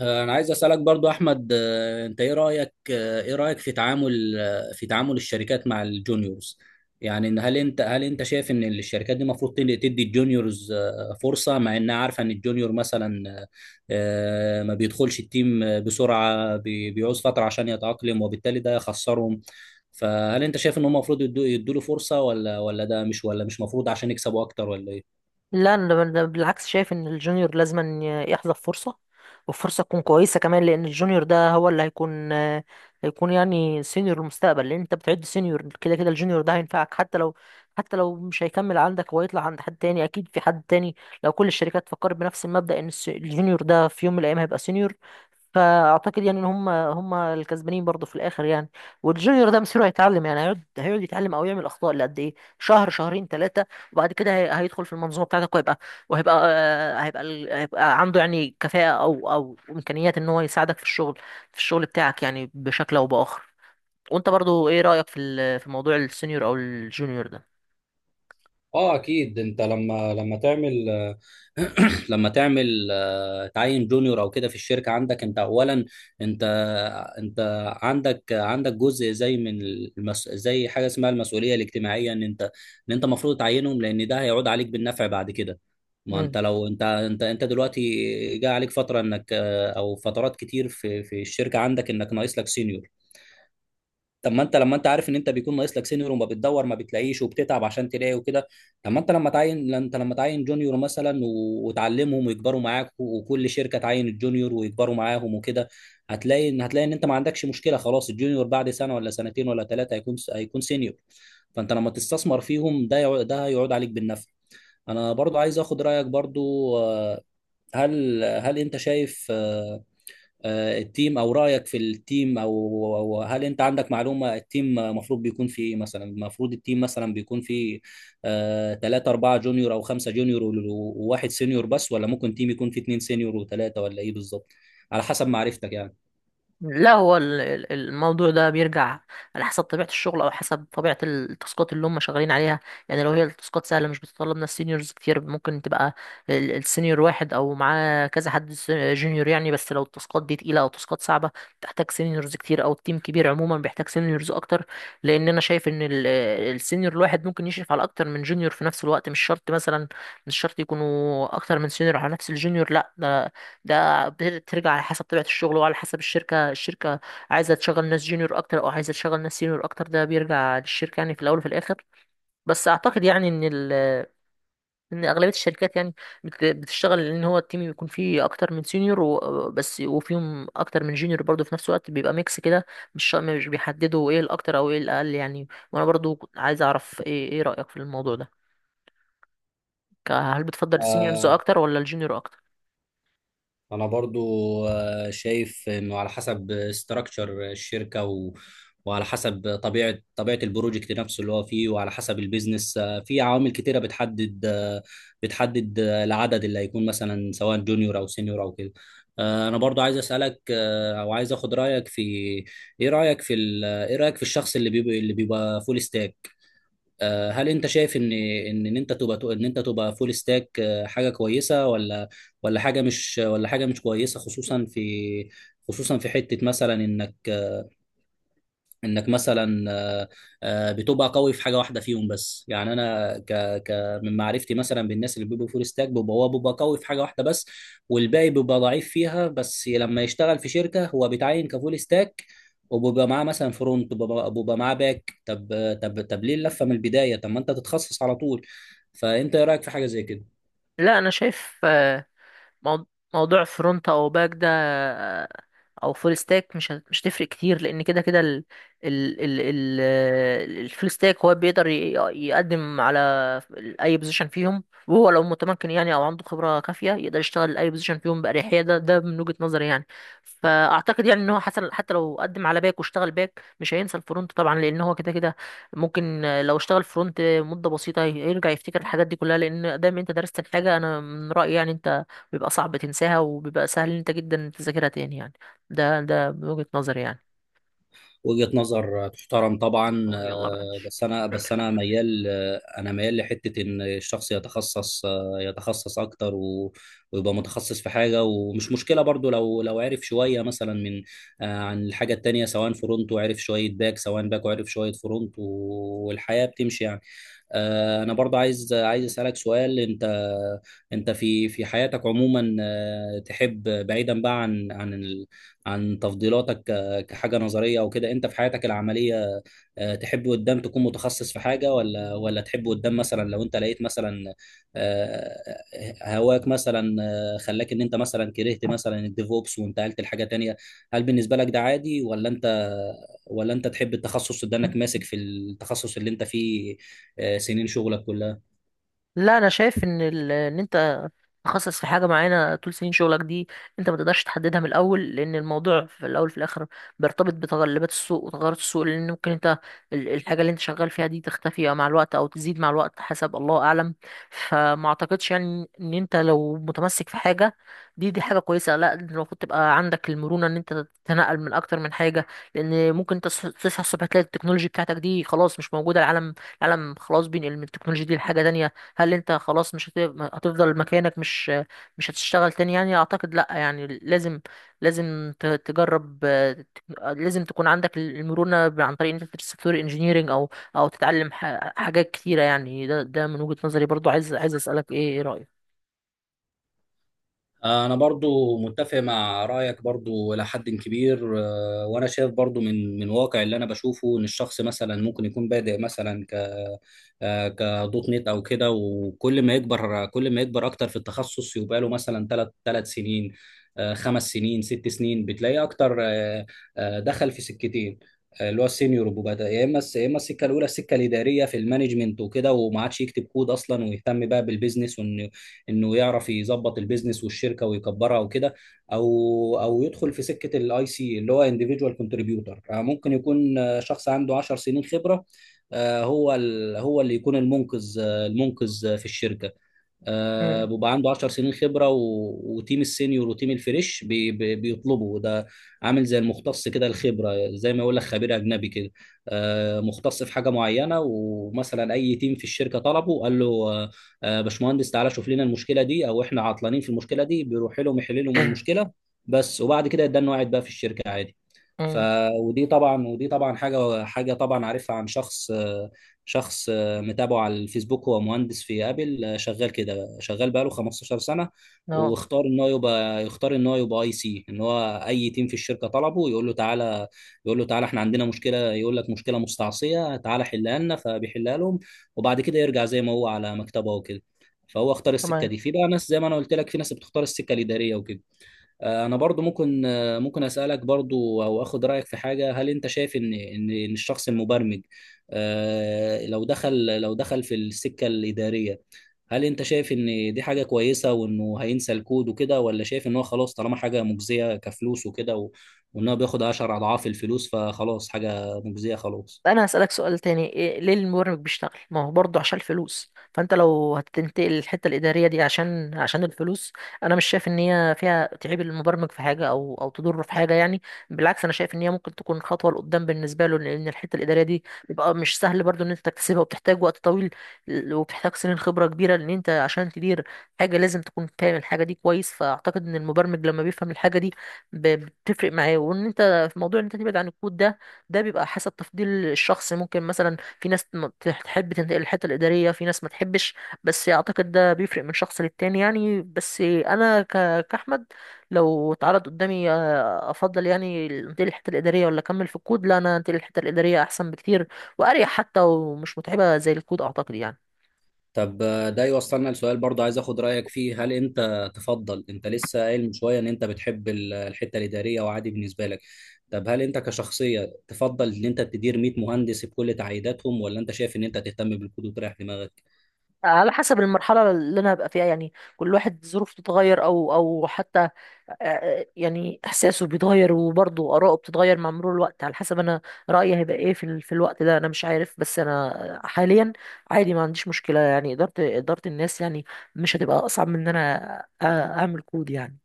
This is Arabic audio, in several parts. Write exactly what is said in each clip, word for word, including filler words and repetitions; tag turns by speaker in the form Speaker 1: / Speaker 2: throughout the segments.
Speaker 1: آه، انا عايز اسالك برضو احمد، آه، انت ايه رايك؟ آه، ايه رايك في تعامل آه، في تعامل الشركات مع الجونيورز؟ يعني إن هل انت هل انت شايف ان الشركات دي المفروض تدي تدي الجونيورز آه، فرصه مع انها عارفه ان الجونيور مثلا آه، آه، ما بيدخلش التيم آه، بسرعه، بي- بيعوز فتره عشان يتاقلم، وبالتالي ده يخسرهم. فهل انت شايف ان هم المفروض يدوا يدوا له فرصه ولا ولا ده مش ولا مش مفروض عشان يكسبوا اكتر ولا ايه؟
Speaker 2: لا، انا أنا بالعكس شايف ان الجونيور لازم أن يحظى بفرصه، وفرصه تكون كويسه كمان، لان الجونيور ده هو اللي هيكون هيكون يعني سينيور المستقبل. لان انت بتعد سينيور كده كده، الجونيور ده هينفعك حتى لو حتى لو مش هيكمل عندك ويطلع عند حد تاني، اكيد في حد تاني. لو كل الشركات فكرت بنفس المبدأ ان الس- الجونيور ده في يوم من الايام هيبقى سينيور، فاعتقد يعني ان هم هم الكسبانين برضه في الاخر يعني. والجونيور ده مصيره هيتعلم، يعني هيقعد هيقعد يتعلم او يعمل اخطاء لقد ايه شهر شهرين ثلاثه، وبعد كده هي- هيدخل في المنظومه بتاعتك، وهيبقى وهيبقى آه، هيبقى ال- هيبقى عنده يعني كفاءه او او امكانيات ان هو يساعدك في الشغل في الشغل بتاعك يعني بشكل او باخر. وانت برضو ايه رايك في ال- في موضوع السينيور او الجونيور ده؟
Speaker 1: اه اكيد، انت لما لما تعمل لما تعمل تعين جونيور او كده في الشركه عندك، انت اولا انت انت عندك عندك جزء زي من المس... زي حاجه اسمها المسؤوليه الاجتماعيه، ان انت ان انت المفروض تعينهم لان ده هيعود عليك بالنفع بعد كده. ما انت لو انت انت انت دلوقتي جاء عليك فتره انك، او فترات كتير في في الشركه عندك انك ناقص لك سينيور. طب ما انت لما انت عارف ان انت بيكون ناقص لك سينيور، وما بتدور ما بتلاقيش وبتتعب عشان تلاقي وكده، طب ما انت لما تعين لا انت لما تعين جونيور مثلا و- وتعلمهم ويكبروا معاك، و- وكل شركه تعين الجونيور ويكبروا معاهم وكده، هتلاقي ان هتلاقي ان انت ما عندكش مشكله. خلاص الجونيور بعد سنه ولا سنتين ولا ثلاثه هيكون هيكون سينيور. فانت لما تستثمر فيهم، ده يع- ده هيعود عليك بالنفع. انا برضو عايز اخد رايك برضو، آه، هل هل انت شايف آه، آه، التيم او رايك في التيم، او أو هل انت عندك معلومه التيم المفروض بيكون فيه ايه؟ مثلا المفروض التيم مثلا بيكون فيه ثلاثة أربعة جونيور أو خمسة جونيور و- وواحد سينيور بس، ولا ممكن تيم يكون فيه اتنين سينيور وثلاثة، ولا ايه بالظبط على حسب معرفتك يعني؟
Speaker 2: لا، هو ال- ال- الموضوع ده بيرجع على حسب طبيعة الشغل، أو حسب طبيعة التاسكات اللي هم شغالين عليها. يعني لو هي التاسكات سهلة، مش بتطلب ناس سينيورز كتير، ممكن تبقى ال- السينيور واحد أو معاه كذا حد س- جونيور يعني. بس لو التاسكات دي تقيلة أو تاسكات صعبة، بتحتاج سينيورز كتير، أو التيم كبير عموما بيحتاج سينيورز أكتر. لأن أنا شايف إن ال- السينيور الواحد ممكن يشرف على أكتر من جونيور في نفس الوقت، مش شرط مثلا مش شرط يكونوا أكتر من سينيور على نفس الجونيور، لا. ده بترجع على حسب طبيعة الشغل، وعلى حسب الشركة الشركة عايزة تشغل ناس جونيور أكتر أو عايزة تشغل ناس سينيور أكتر، ده بيرجع للشركة يعني في الأول وفي الآخر. بس أعتقد يعني إن ال إن أغلبية الشركات يعني بت- بتشتغل إن هو التيم يكون فيه أكتر من سينيور و- بس، وفيهم أكتر من جونيور برضه في نفس الوقت، بيبقى ميكس كده. مش شا- مش بيحددوا إيه الأكتر أو إيه الأقل يعني. وأنا برضه عايز أعرف إيه إيه رأيك في الموضوع ده؟ ك- هل بتفضل السينيورز
Speaker 1: آه،
Speaker 2: أكتر ولا الجونيور أكتر؟
Speaker 1: انا برضو آه، شايف انه على حسب استراكشر الشركه و... وعلى حسب طبيعه طبيعه البروجكت نفسه اللي هو فيه، وعلى حسب البيزنس. آه، في عوامل كتيره بتحدد آه، بتحدد آه، العدد اللي هيكون مثلا، سواء جونيور او سينيور او كده. آه، انا برضو عايز اسالك آه، او عايز اخد رايك في، ايه رايك في ال... آه، ايه رايك في الشخص اللي بيبقى اللي بيبقى فول ستاك؟ آه، هل انت شايف ان ان إن انت تبقى ان انت تبقى فول ستاك آه، حاجه كويسه، ولا ولا حاجه مش ولا حاجه مش كويسه، خصوصا في خصوصا في حته مثلا انك انك مثلا آه، آه، بتبقى قوي في حاجه واحده فيهم بس؟ يعني انا ك ك من معرفتي مثلا بالناس اللي بيبقوا فول ستاك، بيبقى هو بيبقى قوي في حاجه واحده بس، والباقي بيبقى ضعيف فيها. بس لما يشتغل في شركه هو بيتعين كفول ستاك، وبيبقى معاه مثلا فرونت وبيبقى وبيبقى معاه باك. طب طب طب ليه اللفه من البدايه؟ طب ما انت تتخصص على طول. فانت ايه رايك في حاجه زي كده؟
Speaker 2: لا، أنا شايف مو- موضوع فرونت او باك ده، او فول ستاك، مش هت- مش هتفرق كتير، لان كده كده ال ال ال ال الفول ستاك هو بيقدر ي- يقدم على اي بوزيشن فيهم. وهو لو متمكن يعني او عنده خبره كافيه، يقدر يشتغل اي بوزيشن فيهم باريحيه، ده ده من وجهه نظري يعني. فاعتقد يعني ان هو حسن حتى لو قدم على باك واشتغل باك، مش هينسى الفرونت طبعا، لان هو كده كده ممكن لو اشتغل فرونت مده بسيطه يرجع يفتكر الحاجات دي كلها. لان دايما انت درست الحاجه، انا من رايي يعني، انت بيبقى صعب تنساها وبيبقى سهل إن انت جدا تذاكرها تاني يعني. ده ده من وجهة نظري يعني.
Speaker 1: وجهة نظر تحترم طبعا.
Speaker 2: أه، يلا بقى
Speaker 1: آه،
Speaker 2: ماشي.
Speaker 1: بس انا بس انا ميال، آه، انا ميال لحتة ان الشخص يتخصص، آه، يتخصص اكتر و- ويبقى متخصص في حاجة. ومش مشكلة برضو لو لو عرف شوية مثلا من آه، عن الحاجة التانية، سواء فرونت وعرف شوية باك، سواء باك وعرف شوية فرونت، و- والحياة بتمشي يعني. آه، انا برضو عايز عايز اسالك سؤال. انت انت في في حياتك عموما، آه، تحب بعيدا بقى عن عن ال- عن تفضيلاتك آه، كحاجه نظريه او كده، انت في حياتك العمليه آه، تحب قدام تكون متخصص في حاجه، ولا ولا تحب قدام مثلا لو انت لقيت مثلا آه، هواك مثلا آه، خلاك ان انت مثلا كرهت مثلا الديفوبس وانتقلت لحاجه تانية؟ هل بالنسبه لك ده عادي، ولا انت ولا انت تحب التخصص، ده انك ماسك في التخصص اللي انت فيه آه، سنين شغلك كلها؟
Speaker 2: لا، انا شايف ان ال... ان انت تخصص في حاجة معينة طول سنين شغلك دي، انت ما تقدرش تحددها من الأول، لأن الموضوع في الأول في الآخر بيرتبط بتغلبات السوق وتغيرات السوق، لأن ممكن انت ال- الحاجة اللي انت شغال فيها دي تختفي مع الوقت أو تزيد مع الوقت، حسب الله أعلم. فما أعتقدش يعني إن انت لو متمسك في حاجة، دي دي حاجة كويسة، لا، انت المفروض تبقى عندك المرونة إن انت تتنقل من أكتر من حاجة. لأن ممكن انت تص- تصحى الصبح تلاقي التكنولوجي بتاعتك دي خلاص مش موجودة. العالم العالم خلاص بينقل من التكنولوجيا دي لحاجة تانية. هل انت خلاص مش هت- هتفضل مكانك، مش مش هتشتغل تاني يعني؟ اعتقد لا يعني، لازم لازم ت- تجرب آه، تك- آه، لازم تكون عندك المرونة ب- عن طريق ان انت تدرس سوفت وير انجينيرنج، او او تتعلم ح- حاجات كتيرة يعني. ده ده من وجهة نظري. برضو عايز عايز اسألك ايه ايه رأيك.
Speaker 1: انا برضو متفق مع رايك برضو الى حد كبير. آه، وانا شايف برضو من من واقع اللي انا بشوفه ان الشخص مثلا ممكن يكون بادئ مثلا ك آه، كدوت نت او كده، وكل ما يكبر كل ما يكبر اكتر في التخصص، يبقى له مثلا ثلاث ثلاث سنين آه، خمس سنين ست سنين، بتلاقيه اكتر آه، آه، دخل في سكتين. آه، اللي هو السينيور، وبدا يا اما الس- يا اما السكه الاولى السكه الاداريه في المانجمنت وكده، وما عادش يكتب كود اصلا، ويهتم بقى بالبيزنس انه يعرف يظبط البيزنس والشركه ويكبرها وكده، او او يدخل في سكه الاي سي اللي هو انديفيدوال كونتريبيوتور. ممكن يكون آه، شخص عنده عشر سنين خبره، آه، هو ال- هو اللي يكون المنقذ، آه، المنقذ آه، في الشركه. آه،
Speaker 2: امم.
Speaker 1: بيبقى عنده عشر سنين خبره و... وتيم السينيور وتيم الفريش بي... بي... بيطلبه ده. عامل زي المختص كده، الخبره زي ما يقول لك خبير اجنبي كده، آه، مختص في حاجه معينه. ومثلا اي تيم في الشركه طلبه قال له آه، آه، باشمهندس تعالى شوف لنا المشكله دي، او احنا عطلانين في المشكله دي، بيروح لهم يحل لهم المشكله بس، وبعد كده يدان قاعد بقى في الشركه عادي. ف
Speaker 2: امم.
Speaker 1: ودي طبعا ودي طبعا حاجه حاجه طبعا عارفها عن شخص آه، شخص آه، متابعه على الفيسبوك. هو مهندس في ابل آه، شغال كده، شغال بقاله خمسة عشر سنه،
Speaker 2: اه،
Speaker 1: واختار ان هو يبقى يختار ان هو يبقى اي سي. ان هو اي تيم في الشركه طلبه يقول له تعالى، يقول له تعالى احنا عندنا مشكله، يقول لك مشكله مستعصيه تعالى حلها لنا، فبيحلها لهم، وبعد كده يرجع زي ما هو على مكتبه وكده. فهو اختار السكه
Speaker 2: تمام.
Speaker 1: دي. في بقى ناس زي ما انا قلت لك، في ناس بتختار السكه الاداريه وكده. آه، انا برضو ممكن آه، ممكن اسالك برضو او اخد رايك في حاجه. هل انت شايف ان ان إن الشخص المبرمج آه، لو دخل لو دخل في السكه الاداريه، هل انت شايف ان دي حاجه كويسه وانه هينسى الكود وكده، ولا شايف ان هو خلاص طالما حاجه مجزيه كفلوس وكده و- وان هو بياخد عشر اضعاف الفلوس، فخلاص حاجه مجزيه خلاص؟
Speaker 2: انا هسألك سؤال تاني. إيه، ليه المبرمج بيشتغل؟ ما هو برضه عشان الفلوس. فانت لو هتنتقل الحتة الإدارية دي عشان عشان الفلوس، انا مش شايف ان هي فيها تعيب المبرمج في حاجة او او تضره في حاجة يعني. بالعكس، انا شايف ان هي ممكن تكون خطوة لقدام بالنسبة له، لان الحتة الإدارية دي بيبقى مش سهل برضه ان انت تكتسبها، وبتحتاج وقت طويل، وبتحتاج سنين خبرة كبيرة، لان انت عشان تدير حاجة لازم تكون فاهم الحاجة دي كويس. فاعتقد ان المبرمج لما بيفهم الحاجة دي ب- بتفرق معاه. وان انت في موضوع ان انت تبعد عن الكود ده، ده بيبقى حسب تفضيل الشخص. ممكن مثلا في ناس ما تح- تحب تنتقل للحته الاداريه، في ناس ما تحبش. بس اعتقد ده بيفرق من شخص للتاني يعني. بس انا ك- كاحمد لو اتعرض قدامي، آه، افضل يعني انتقل للحته الاداريه ولا اكمل في الكود؟ لا، انا انتقل للحته الاداريه احسن بكتير واريح حتى، ومش متعبه زي الكود اعتقد يعني.
Speaker 1: طب آه، ده يوصلنا لسؤال برضه عايز اخد رايك فيه. هل انت تفضل، انت لسه قايل من شويه ان انت بتحب ال- الحته الاداريه وعادي بالنسبه لك، طب هل انت كشخصيه تفضل ان انت تدير مئة مهندس بكل تعقيداتهم، ولا انت شايف ان انت تهتم بالكود وتريح دماغك؟
Speaker 2: على حسب المرحلة اللي أنا هبقى فيها يعني، كل واحد ظروفه بتتغير أو أو حتى آه، يعني إحساسه بيتغير، وبرضه آراءه بتتغير مع مرور الوقت. على حسب أنا رأيي هيبقى إيه في ال- في الوقت ده أنا مش عارف. بس أنا حاليا عادي، ما عنديش مشكلة يعني. إدارة إدارة الناس يعني مش هتبقى أصعب من إن أنا أ- أعمل كود يعني.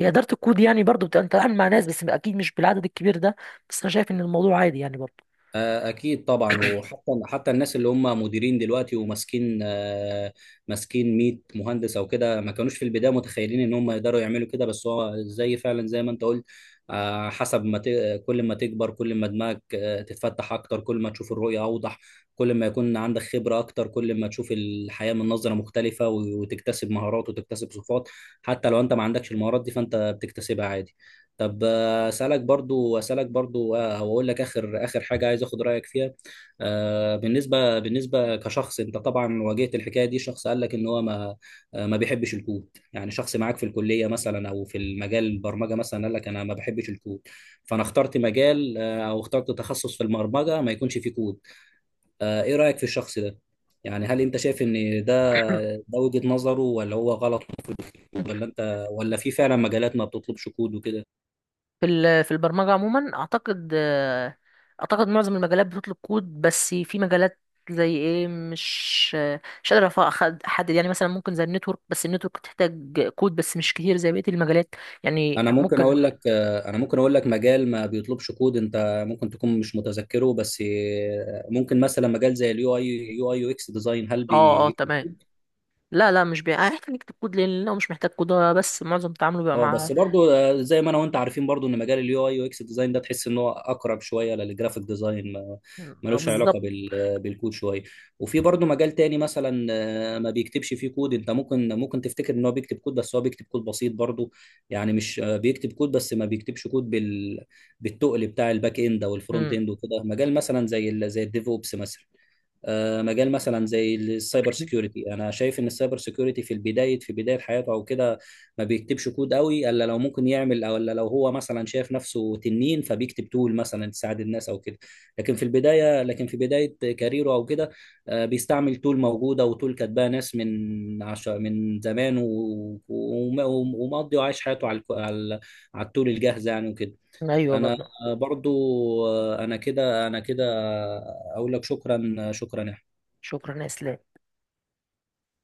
Speaker 2: هي إدارة الكود يعني برضه بتبقى أنت بتتعامل مع ناس، بس أكيد مش بالعدد الكبير ده. بس أنا شايف إن الموضوع عادي يعني برضه.
Speaker 1: آه، أكيد طبعا. وحتى حتى الناس اللي هم مديرين دلوقتي وماسكين آه، ماسكين مية مهندس أو كده، ما كانوش في البداية متخيلين إن هم يقدروا يعملوا كده، بس هو زي فعلا زي ما أنت قلت آه، حسب ما ت... كل ما تكبر، كل ما دماغك آه، تتفتح أكتر، كل ما تشوف الرؤية أوضح، كل ما يكون عندك خبرة أكتر، كل ما تشوف الحياة من نظرة مختلفة، و- وتكتسب مهارات وتكتسب صفات. حتى لو أنت ما عندكش المهارات دي، فأنت بتكتسبها عادي. طب آه، اسالك برضو اسالك برضو آه، او اقول لك اخر اخر حاجه عايز اخد رايك فيها. آه، بالنسبه بالنسبه كشخص انت طبعا واجهت الحكايه دي، شخص قال لك ان هو ما آه، ما بيحبش الكود. يعني شخص معاك في الكليه مثلا او في المجال البرمجه مثلا قال لك انا ما بحبش الكود، فانا اخترت مجال آه، او اخترت تخصص في البرمجه ما يكونش فيه كود. آه، ايه رايك في الشخص ده؟ يعني هل انت شايف ان ده ده وجهة نظره، ولا هو غلط، ولا انت ولا في فعلا مجالات ما بتطلبش كود وكده؟
Speaker 2: في ال- في البرمجة عموما أعتقد آه، أعتقد معظم المجالات بتطلب كود، بس في مجالات زي إيه، مش آه، مش قادر أف- أخد- أحدد، يعني مثلا ممكن زي النتورك، بس النتورك تحتاج كود بس مش كتير زي بقية المجالات يعني
Speaker 1: انا ممكن
Speaker 2: ممكن.
Speaker 1: اقول لك، انا ممكن اقول لك مجال ما بيطلبش كود انت ممكن تكون مش متذكره بس، ممكن مثلا مجال زي اليو اي يو اي يو اكس ديزاين، هل
Speaker 2: اه، اه، تمام. لا، لا، مش بي... آه، احنا نكتب كود لأنه مش محتاج كود هو، بس معظم تعامله بيبقى
Speaker 1: اه؟
Speaker 2: مع.
Speaker 1: بس برضو آه، زي ما انا وانت عارفين برضو ان مجال اليو اي يو اكس ديزاين ده، تحس ان هو اقرب شويه للجرافيك ديزاين، ما-
Speaker 2: آه،
Speaker 1: ملوش علاقه
Speaker 2: بالظبط.
Speaker 1: بال بالكود شويه. وفي برضو مجال تاني مثلا آه، ما بيكتبش فيه كود، انت ممكن ممكن تفتكر ان هو بيكتب كود، بس هو بيكتب كود بسيط برضو. يعني مش آه، بيكتب كود، بس ما بيكتبش كود بال بالتقل بتاع الباك اند او الفرونت
Speaker 2: مم.
Speaker 1: اند وكده، مجال مثلا زي ال... زي الديف اوبس مثلا. آه، مجال مثلا زي السايبر سيكيورتي، انا شايف ان السايبر سيكيورتي في البدايه في بدايه حياته او كده ما بيكتبش كود قوي، الا لو ممكن يعمل، او الا لو هو مثلا شايف نفسه تنين فبيكتب تول مثلا تساعد الناس او كده. لكن في البدايه لكن في بدايه كاريره او كده، آه، بيستعمل تول موجوده وتول كاتباها ناس من عش... من زمان و- وم- ومقضي وعايش حياته على الك- على على التول الجاهزه يعني وكده.
Speaker 2: أيوه
Speaker 1: انا
Speaker 2: برضه.
Speaker 1: برضو آه، انا كده انا كده اقول لك شكرا شكرا.
Speaker 2: شكرا يا إسلام.